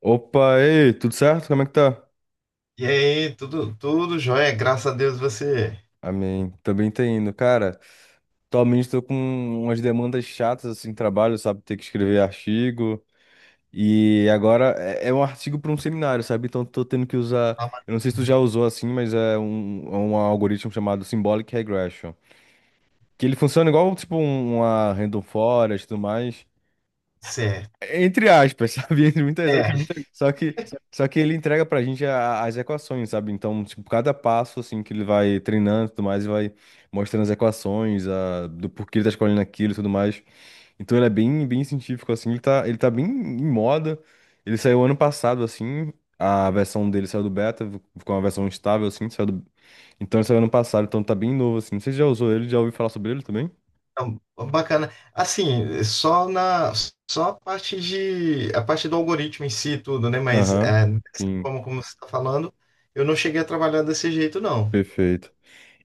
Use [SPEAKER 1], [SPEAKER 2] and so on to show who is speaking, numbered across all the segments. [SPEAKER 1] Opa, ei, tudo certo? Como é que tá?
[SPEAKER 2] E aí, tudo jóia, graças a Deus. Você
[SPEAKER 1] Amém. Também tá indo. Cara, atualmente tô com umas demandas chatas assim, trabalho, sabe? Ter que escrever artigo. E agora é um artigo para um seminário, sabe? Então tô tendo que usar.
[SPEAKER 2] tá
[SPEAKER 1] Eu não sei se tu já usou assim, mas é um algoritmo chamado Symbolic Regression. Que ele funciona igual, tipo, uma random forest e tudo mais.
[SPEAKER 2] certo.
[SPEAKER 1] Entre aspas, sabe? Entre muitas aspas.
[SPEAKER 2] É,
[SPEAKER 1] Só que, só que ele entrega pra gente as equações, sabe? Então, tipo, cada passo, assim, que ele vai treinando e tudo mais, e vai mostrando as equações, do porquê ele tá escolhendo aquilo e tudo mais. Então, ele é bem, bem científico, assim. Ele tá bem em moda. Ele saiu ano passado, assim. A versão dele saiu do beta, ficou uma versão estável, assim. Então, ele saiu ano passado, então tá bem novo, assim. Você já usou ele? Já ouviu falar sobre ele também?
[SPEAKER 2] então, bacana. Assim, só a parte do algoritmo em si e tudo, né? Mas
[SPEAKER 1] Aham.
[SPEAKER 2] é, dessa
[SPEAKER 1] Sim,
[SPEAKER 2] forma como você está falando, eu não cheguei a trabalhar desse jeito, não.
[SPEAKER 1] perfeito.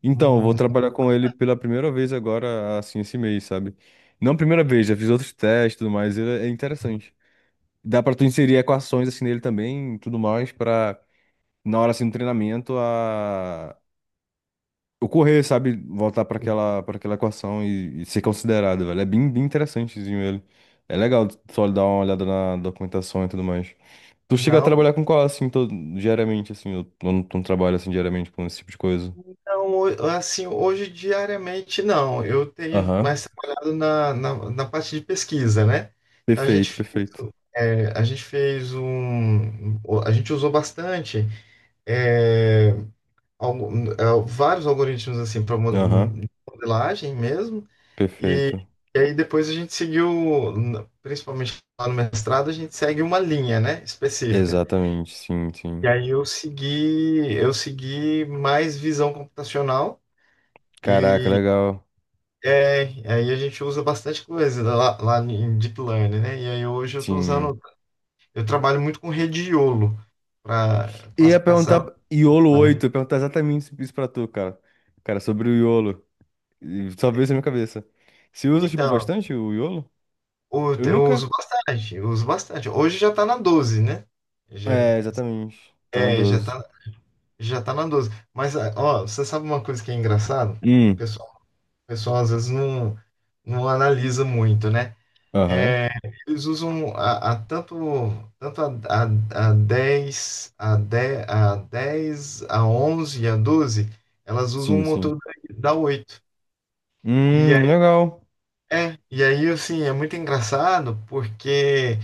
[SPEAKER 1] Então, eu vou
[SPEAKER 2] Hum.
[SPEAKER 1] trabalhar com ele pela primeira vez agora, assim, esse mês, sabe? Não primeira vez, já fiz outros testes e tudo mais, ele é interessante. Dá pra tu inserir equações, assim, nele também, e tudo mais, pra, na hora, assim, do treinamento, ocorrer, sabe? Voltar para aquela equação e ser considerado, velho. É bem, bem interessantezinho ele. É legal só dar uma olhada na documentação e tudo mais. Tu chega a
[SPEAKER 2] Não.
[SPEAKER 1] trabalhar com qual, assim, todo, diariamente, assim, eu não trabalho, assim, diariamente com esse tipo de coisa.
[SPEAKER 2] Então, assim, hoje diariamente não, eu tenho
[SPEAKER 1] Aham.
[SPEAKER 2] mais trabalhado na, parte de pesquisa, né? Então,
[SPEAKER 1] Perfeito, perfeito.
[SPEAKER 2] é, a gente fez um, a gente usou bastante é, algu- vários algoritmos assim para
[SPEAKER 1] Aham.
[SPEAKER 2] modelagem mesmo, e,
[SPEAKER 1] Perfeito.
[SPEAKER 2] e aí depois a gente seguiu, principalmente lá no mestrado. A gente segue uma linha, né, específica.
[SPEAKER 1] Exatamente, sim, sim.
[SPEAKER 2] E aí eu segui mais visão computacional.
[SPEAKER 1] Caraca, legal.
[SPEAKER 2] É, aí a gente usa bastante coisa lá em Deep Learning, né? E aí hoje
[SPEAKER 1] Sim.
[SPEAKER 2] eu trabalho muito com rede de YOLO para
[SPEAKER 1] E ia
[SPEAKER 2] classificação,
[SPEAKER 1] perguntar iolo
[SPEAKER 2] né?
[SPEAKER 1] oito ia perguntar exatamente isso pra tu, cara. Cara, sobre o iolo. E só veio isso na minha cabeça. Se usa, tipo,
[SPEAKER 2] Então,
[SPEAKER 1] bastante o iolo? Eu
[SPEAKER 2] eu
[SPEAKER 1] nunca.
[SPEAKER 2] uso bastante, eu uso bastante. Hoje já está na 12, né? Já,
[SPEAKER 1] É, exatamente. Tá no
[SPEAKER 2] é, já
[SPEAKER 1] 12.
[SPEAKER 2] tá, já tá na 12. Mas, ah, ó, você sabe uma coisa que é engraçada? O
[SPEAKER 1] Hum,
[SPEAKER 2] pessoal, o pessoal às vezes não analisa muito, né?
[SPEAKER 1] aham.
[SPEAKER 2] Eles usam a tanto, tanto a 10, a 10 a 10 a 11 a 12. Elas usam
[SPEAKER 1] Sim,
[SPEAKER 2] um motor
[SPEAKER 1] sim.
[SPEAKER 2] da 8. E aí,
[SPEAKER 1] Legal.
[SPEAKER 2] e aí, assim, é muito engraçado porque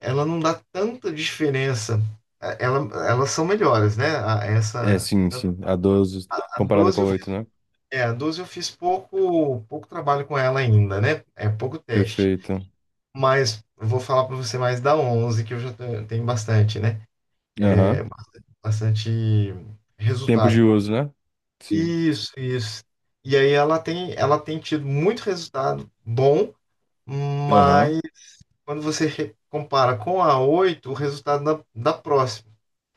[SPEAKER 2] ela não dá tanta diferença. Eh, Ela, elas são melhores, né?
[SPEAKER 1] É, sim, sim. A 12
[SPEAKER 2] A
[SPEAKER 1] comparada com
[SPEAKER 2] 12
[SPEAKER 1] a
[SPEAKER 2] eu fiz,
[SPEAKER 1] 8, né?
[SPEAKER 2] a 12 eu fiz pouco trabalho com ela ainda, né? É pouco teste.
[SPEAKER 1] Perfeito.
[SPEAKER 2] Mas eu vou falar para você mais da 11, que eu já tenho bastante, né?
[SPEAKER 1] Aham.
[SPEAKER 2] Bastante
[SPEAKER 1] Tempo
[SPEAKER 2] resultado.
[SPEAKER 1] de uso, né? Sim.
[SPEAKER 2] Isso, isso. E aí ela tem tido muito resultado bom,
[SPEAKER 1] Aham.
[SPEAKER 2] mas quando você compara com a 8 o resultado da, próxima.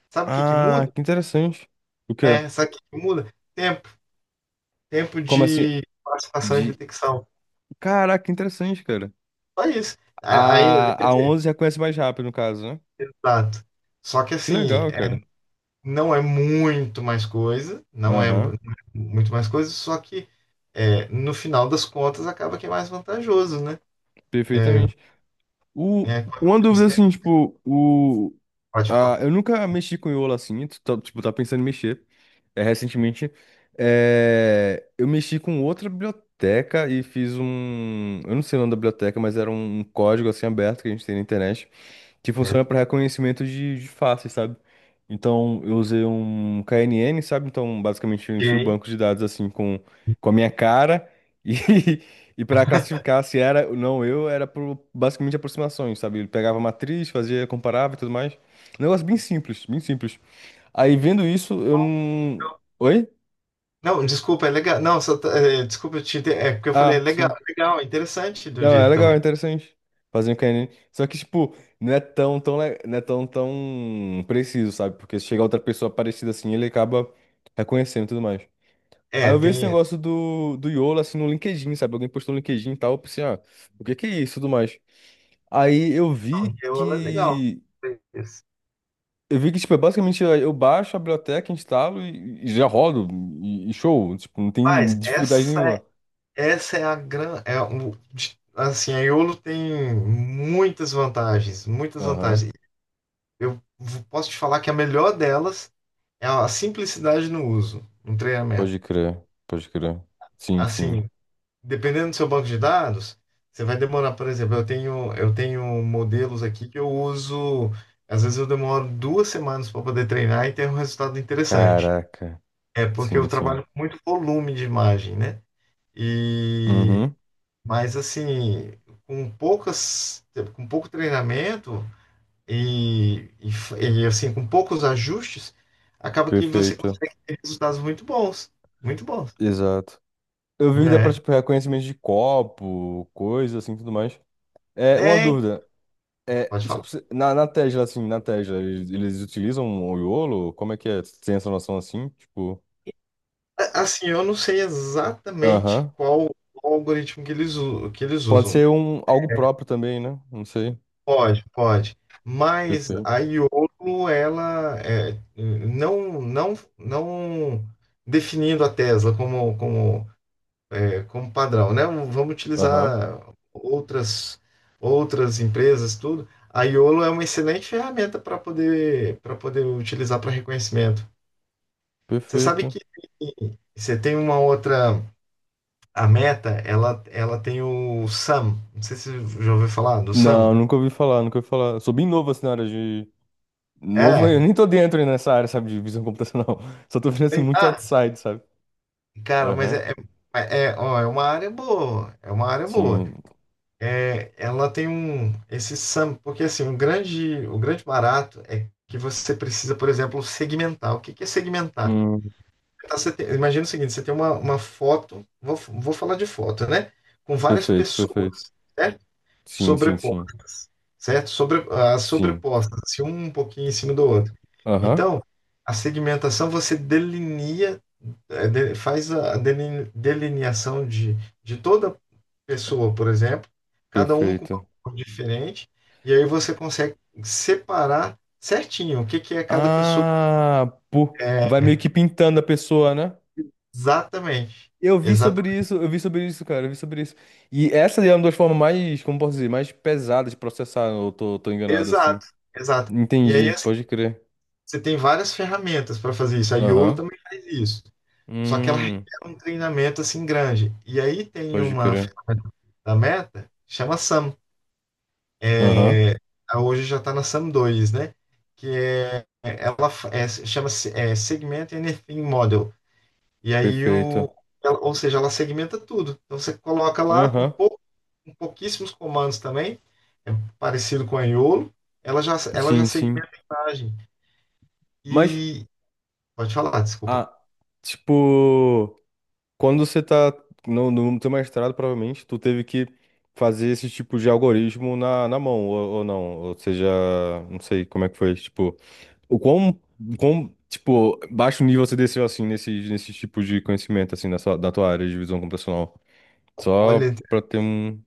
[SPEAKER 2] Sabe o que que
[SPEAKER 1] Ah,
[SPEAKER 2] muda?
[SPEAKER 1] que interessante. O quê?
[SPEAKER 2] É, sabe o que que muda? Tempo. Tempo
[SPEAKER 1] Como assim?
[SPEAKER 2] de participação e
[SPEAKER 1] De...
[SPEAKER 2] detecção.
[SPEAKER 1] Caraca, interessante, cara.
[SPEAKER 2] Só isso. Aí,
[SPEAKER 1] A 11 reconhece mais rápido, no caso, né?
[SPEAKER 2] exato. Só que
[SPEAKER 1] Que
[SPEAKER 2] assim,
[SPEAKER 1] legal, cara.
[SPEAKER 2] não é muito mais coisa, não é
[SPEAKER 1] Aham,
[SPEAKER 2] mu- muito mais coisa, só que, no final das contas, acaba que é mais vantajoso, né? É,
[SPEAKER 1] perfeitamente. O...
[SPEAKER 2] é, não,
[SPEAKER 1] Uma dúvida assim, tipo,
[SPEAKER 2] pode falar.
[SPEAKER 1] Ah, eu nunca mexi com Iola assim, tipo, tá pensando em mexer. É, recentemente, eu mexi com outra biblioteca e fiz um. Eu não sei o nome da biblioteca, mas era um código assim aberto que a gente tem na internet que funciona para
[SPEAKER 2] Certo.
[SPEAKER 1] reconhecimento de faces, sabe? Então, eu usei um KNN, sabe? Então, basicamente, eu tinha o
[SPEAKER 2] Ok.
[SPEAKER 1] banco de dados assim com a minha cara e, e para classificar se era ou não eu, era por basicamente aproximações, sabe? Ele pegava a matriz, fazia, comparava e tudo mais. Um negócio bem simples, bem simples. Aí vendo isso, eu não. Oi?
[SPEAKER 2] Não, desculpa, é legal. Não, só, desculpa, é porque eu falei,
[SPEAKER 1] Ah, sim.
[SPEAKER 2] é legal, é interessante do
[SPEAKER 1] Não, é
[SPEAKER 2] jeito
[SPEAKER 1] legal, é
[SPEAKER 2] também.
[SPEAKER 1] interessante. Fazer um canine. Só que, tipo, não é tão, tão, le- não é tão, tão preciso, sabe? Porque se chegar outra pessoa parecida assim, ele acaba reconhecendo e tudo mais. Aí
[SPEAKER 2] É,
[SPEAKER 1] eu vi esse
[SPEAKER 2] tem.
[SPEAKER 1] negócio do YOLO, assim, no LinkedIn, sabe? Alguém postou no LinkedIn e tal. Eu pensei, ah, o que que é isso e tudo mais. Aí eu
[SPEAKER 2] Não,
[SPEAKER 1] vi
[SPEAKER 2] é legal.
[SPEAKER 1] que.
[SPEAKER 2] É isso.
[SPEAKER 1] Eu vi que, tipo, é basicamente eu baixo a biblioteca, instalo e já rodo. E show. Tipo, não tem
[SPEAKER 2] Mas
[SPEAKER 1] dificuldade nenhuma.
[SPEAKER 2] essa é a grande. É, assim, a Iolo tem muitas vantagens, muitas
[SPEAKER 1] Aham.
[SPEAKER 2] vantagens. Posso te falar que a melhor delas é a simplicidade no uso, no treinamento.
[SPEAKER 1] Pode crer, pode crer. Sim, sim.
[SPEAKER 2] Assim, dependendo do seu banco de dados, você vai demorar, por exemplo, eu tenho modelos aqui que eu uso, às vezes eu demoro 2 semanas para poder treinar e ter um resultado interessante.
[SPEAKER 1] Caraca.
[SPEAKER 2] É porque eu
[SPEAKER 1] Sim, sim.
[SPEAKER 2] trabalho com muito volume de imagem, né? E
[SPEAKER 1] Uhum.
[SPEAKER 2] mas assim, com poucas, com pouco treinamento assim, com poucos ajustes, acaba que você
[SPEAKER 1] Perfeita.
[SPEAKER 2] consegue ter resultados muito bons,
[SPEAKER 1] Exato. Eu vi que dá pra,
[SPEAKER 2] né?
[SPEAKER 1] tipo, reconhecimento de copo, coisa assim, tudo mais. É, uma
[SPEAKER 2] É,
[SPEAKER 1] dúvida. É,
[SPEAKER 2] pode
[SPEAKER 1] tipo,
[SPEAKER 2] falar.
[SPEAKER 1] na Tesla, eles utilizam o YOLO? Como é que é? Cê tem essa noção assim? Tipo,
[SPEAKER 2] Assim, eu não sei exatamente
[SPEAKER 1] aham.
[SPEAKER 2] qual o algoritmo que que eles
[SPEAKER 1] Pode
[SPEAKER 2] usam.
[SPEAKER 1] ser um, algo próprio também, né? Não sei.
[SPEAKER 2] Pode, pode. Mas
[SPEAKER 1] Perfeito.
[SPEAKER 2] a Iolo, não, não, não definindo a Tesla como, como padrão, né? Vamos
[SPEAKER 1] Aham.
[SPEAKER 2] utilizar outras, outras empresas, tudo. A Iolo é uma excelente ferramenta para poder utilizar para reconhecimento. Você sabe
[SPEAKER 1] Perfeito.
[SPEAKER 2] que você tem uma outra. A Meta, ela tem o Sam. Não sei se você já ouviu falar do
[SPEAKER 1] Não,
[SPEAKER 2] Sam.
[SPEAKER 1] nunca ouvi falar, nunca ouvi falar. Sou bem novo, assim. Novo,
[SPEAKER 2] É.
[SPEAKER 1] eu nem tô dentro nessa área, sabe, de visão computacional. Só tô vendo assim muito
[SPEAKER 2] Ah,
[SPEAKER 1] outside, sabe?
[SPEAKER 2] cara, mas
[SPEAKER 1] Aham.
[SPEAKER 2] ó, é uma área boa. É uma área boa.
[SPEAKER 1] Sim.
[SPEAKER 2] É, ela tem esse Sam, porque assim, o grande barato é que você precisa, por exemplo, segmentar. O que que é segmentar?
[SPEAKER 1] Hum,
[SPEAKER 2] Tá, imagina o seguinte, você tem uma foto, vou falar de foto, né? Com várias
[SPEAKER 1] perfeito, perfeito.
[SPEAKER 2] pessoas, certo?
[SPEAKER 1] Sim, sim, sim.
[SPEAKER 2] As
[SPEAKER 1] Sim.
[SPEAKER 2] sobrepostas, assim, um pouquinho em cima do outro.
[SPEAKER 1] Aham.
[SPEAKER 2] Então, a segmentação você delinea, faz a delineação de toda pessoa, por exemplo, cada um com uma
[SPEAKER 1] Perfeito.
[SPEAKER 2] cor diferente, e aí você consegue separar certinho o que que é cada pessoa.
[SPEAKER 1] Ah, pô, vai
[SPEAKER 2] É,
[SPEAKER 1] meio que pintando a pessoa, né?
[SPEAKER 2] exatamente.
[SPEAKER 1] Eu vi
[SPEAKER 2] Exata,
[SPEAKER 1] sobre isso, eu vi sobre isso, cara, eu vi sobre isso. E essa é uma das formas mais, como posso dizer, mais pesadas de processar, eu tô enganado, assim.
[SPEAKER 2] exato, exato. E aí
[SPEAKER 1] Entendi,
[SPEAKER 2] assim,
[SPEAKER 1] pode crer.
[SPEAKER 2] você tem várias ferramentas para fazer isso. A Iolo
[SPEAKER 1] Aham.
[SPEAKER 2] também faz isso. Só que ela requer
[SPEAKER 1] Hum,
[SPEAKER 2] um treinamento assim grande. E aí tem
[SPEAKER 1] pode
[SPEAKER 2] uma
[SPEAKER 1] crer.
[SPEAKER 2] ferramenta da Meta, chama SAM.
[SPEAKER 1] Aham,
[SPEAKER 2] É. Hoje já está na SAM 2, né? Que é, ela é, chama-se Segment Anything Model. E aí,
[SPEAKER 1] perfeito.
[SPEAKER 2] ou seja, ela segmenta tudo. Então você coloca lá
[SPEAKER 1] Aham.
[SPEAKER 2] com pouquíssimos comandos também, é parecido com a Iolo, ela já
[SPEAKER 1] Sim, sim.
[SPEAKER 2] segmenta a imagem.
[SPEAKER 1] Mas,
[SPEAKER 2] E pode falar, desculpa.
[SPEAKER 1] ah, tipo, quando você tá no teu mestrado, provavelmente, tu teve que fazer esse tipo de algoritmo na mão, ou não. Ou seja, não sei como é que foi. Tipo, o quão, tipo, baixo nível você desceu, assim, nesse tipo de conhecimento, assim, da tua área de visão computacional. Só
[SPEAKER 2] Olha,
[SPEAKER 1] pra ter um,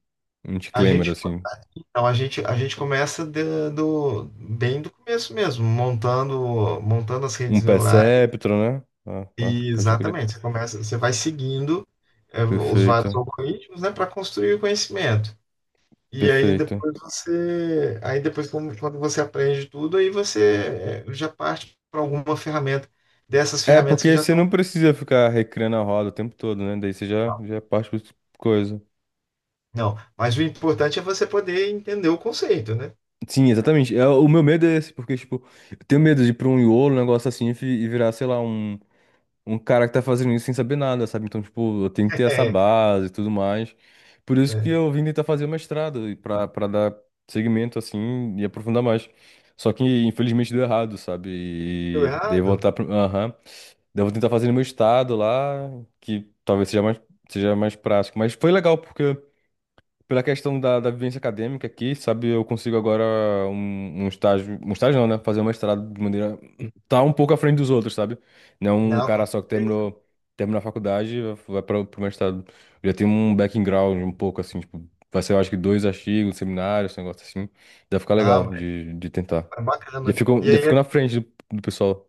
[SPEAKER 1] um
[SPEAKER 2] a
[SPEAKER 1] disclaimer,
[SPEAKER 2] gente
[SPEAKER 1] assim.
[SPEAKER 2] A gente começa bem do começo mesmo, montando as
[SPEAKER 1] Um
[SPEAKER 2] redes neurais
[SPEAKER 1] perceptron, né? Ah, ah,
[SPEAKER 2] e
[SPEAKER 1] pode crer.
[SPEAKER 2] exatamente, você vai seguindo os vários
[SPEAKER 1] Perfeito,
[SPEAKER 2] algoritmos, né, para construir o conhecimento. E aí
[SPEAKER 1] perfeito.
[SPEAKER 2] depois aí depois quando você aprende tudo, aí já parte para alguma ferramenta dessas
[SPEAKER 1] É,
[SPEAKER 2] ferramentas que
[SPEAKER 1] porque
[SPEAKER 2] já
[SPEAKER 1] você
[SPEAKER 2] estão.
[SPEAKER 1] não precisa ficar recriando a roda o tempo todo, né? Daí você já parte pra outra coisa.
[SPEAKER 2] Não, mas o importante é você poder entender o conceito, né?
[SPEAKER 1] Sim, exatamente. É, o meu medo é esse, porque, tipo, eu tenho medo de ir pra um iolo, um negócio assim, e virar, sei lá, um cara que tá fazendo isso sem saber nada, sabe? Então, tipo, eu tenho que ter essa base e tudo mais. Por
[SPEAKER 2] É,
[SPEAKER 1] isso que
[SPEAKER 2] né?
[SPEAKER 1] eu vim tentar fazer o mestrado, e pra dar segmento, assim, e aprofundar mais. Só que, infelizmente, deu errado, sabe?
[SPEAKER 2] Deu errado?
[SPEAKER 1] Aham. Daí eu vou tentar fazer no meu estado lá, que talvez seja mais prático. Mas foi legal, porque pela questão da vivência acadêmica aqui, sabe, eu consigo agora um estágio não, né? Fazer um mestrado de maneira. Tá um pouco à frente dos outros, sabe? Não é um
[SPEAKER 2] Não, com
[SPEAKER 1] cara só que
[SPEAKER 2] certeza.
[SPEAKER 1] terminou, a faculdade e vai para o mestrado. Eu já tenho um background um pouco assim, tipo, vai ser, eu acho que dois artigos, seminários, esse negócio assim. Deve ficar legal
[SPEAKER 2] Ah,
[SPEAKER 1] de tentar.
[SPEAKER 2] é
[SPEAKER 1] Já
[SPEAKER 2] bacana.
[SPEAKER 1] ficou,
[SPEAKER 2] E
[SPEAKER 1] já
[SPEAKER 2] aí
[SPEAKER 1] ficou na frente do pessoal.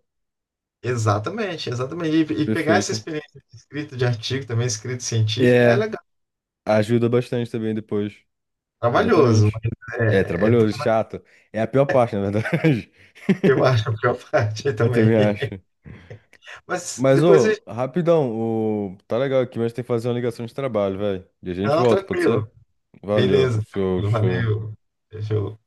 [SPEAKER 2] Exatamente, exatamente. E pegar essa
[SPEAKER 1] Perfeito.
[SPEAKER 2] experiência de escrita de artigo, também escrita científica, é
[SPEAKER 1] É,
[SPEAKER 2] legal,
[SPEAKER 1] ajuda bastante também depois.
[SPEAKER 2] trabalhoso,
[SPEAKER 1] Exatamente.
[SPEAKER 2] mas
[SPEAKER 1] É, trabalhoso, chato. É a pior parte, na verdade.
[SPEAKER 2] eu acho a pior parte
[SPEAKER 1] Eu
[SPEAKER 2] também.
[SPEAKER 1] também acho.
[SPEAKER 2] Mas
[SPEAKER 1] Mas,
[SPEAKER 2] depois a
[SPEAKER 1] ô,
[SPEAKER 2] gente.
[SPEAKER 1] rapidão, tá legal aqui, mas tem que fazer uma ligação de trabalho, velho. E a gente
[SPEAKER 2] Não,
[SPEAKER 1] volta, pode
[SPEAKER 2] tranquilo.
[SPEAKER 1] ser? Valeu,
[SPEAKER 2] Beleza,
[SPEAKER 1] show,
[SPEAKER 2] tranquilo,
[SPEAKER 1] show.
[SPEAKER 2] valeu. Fechou.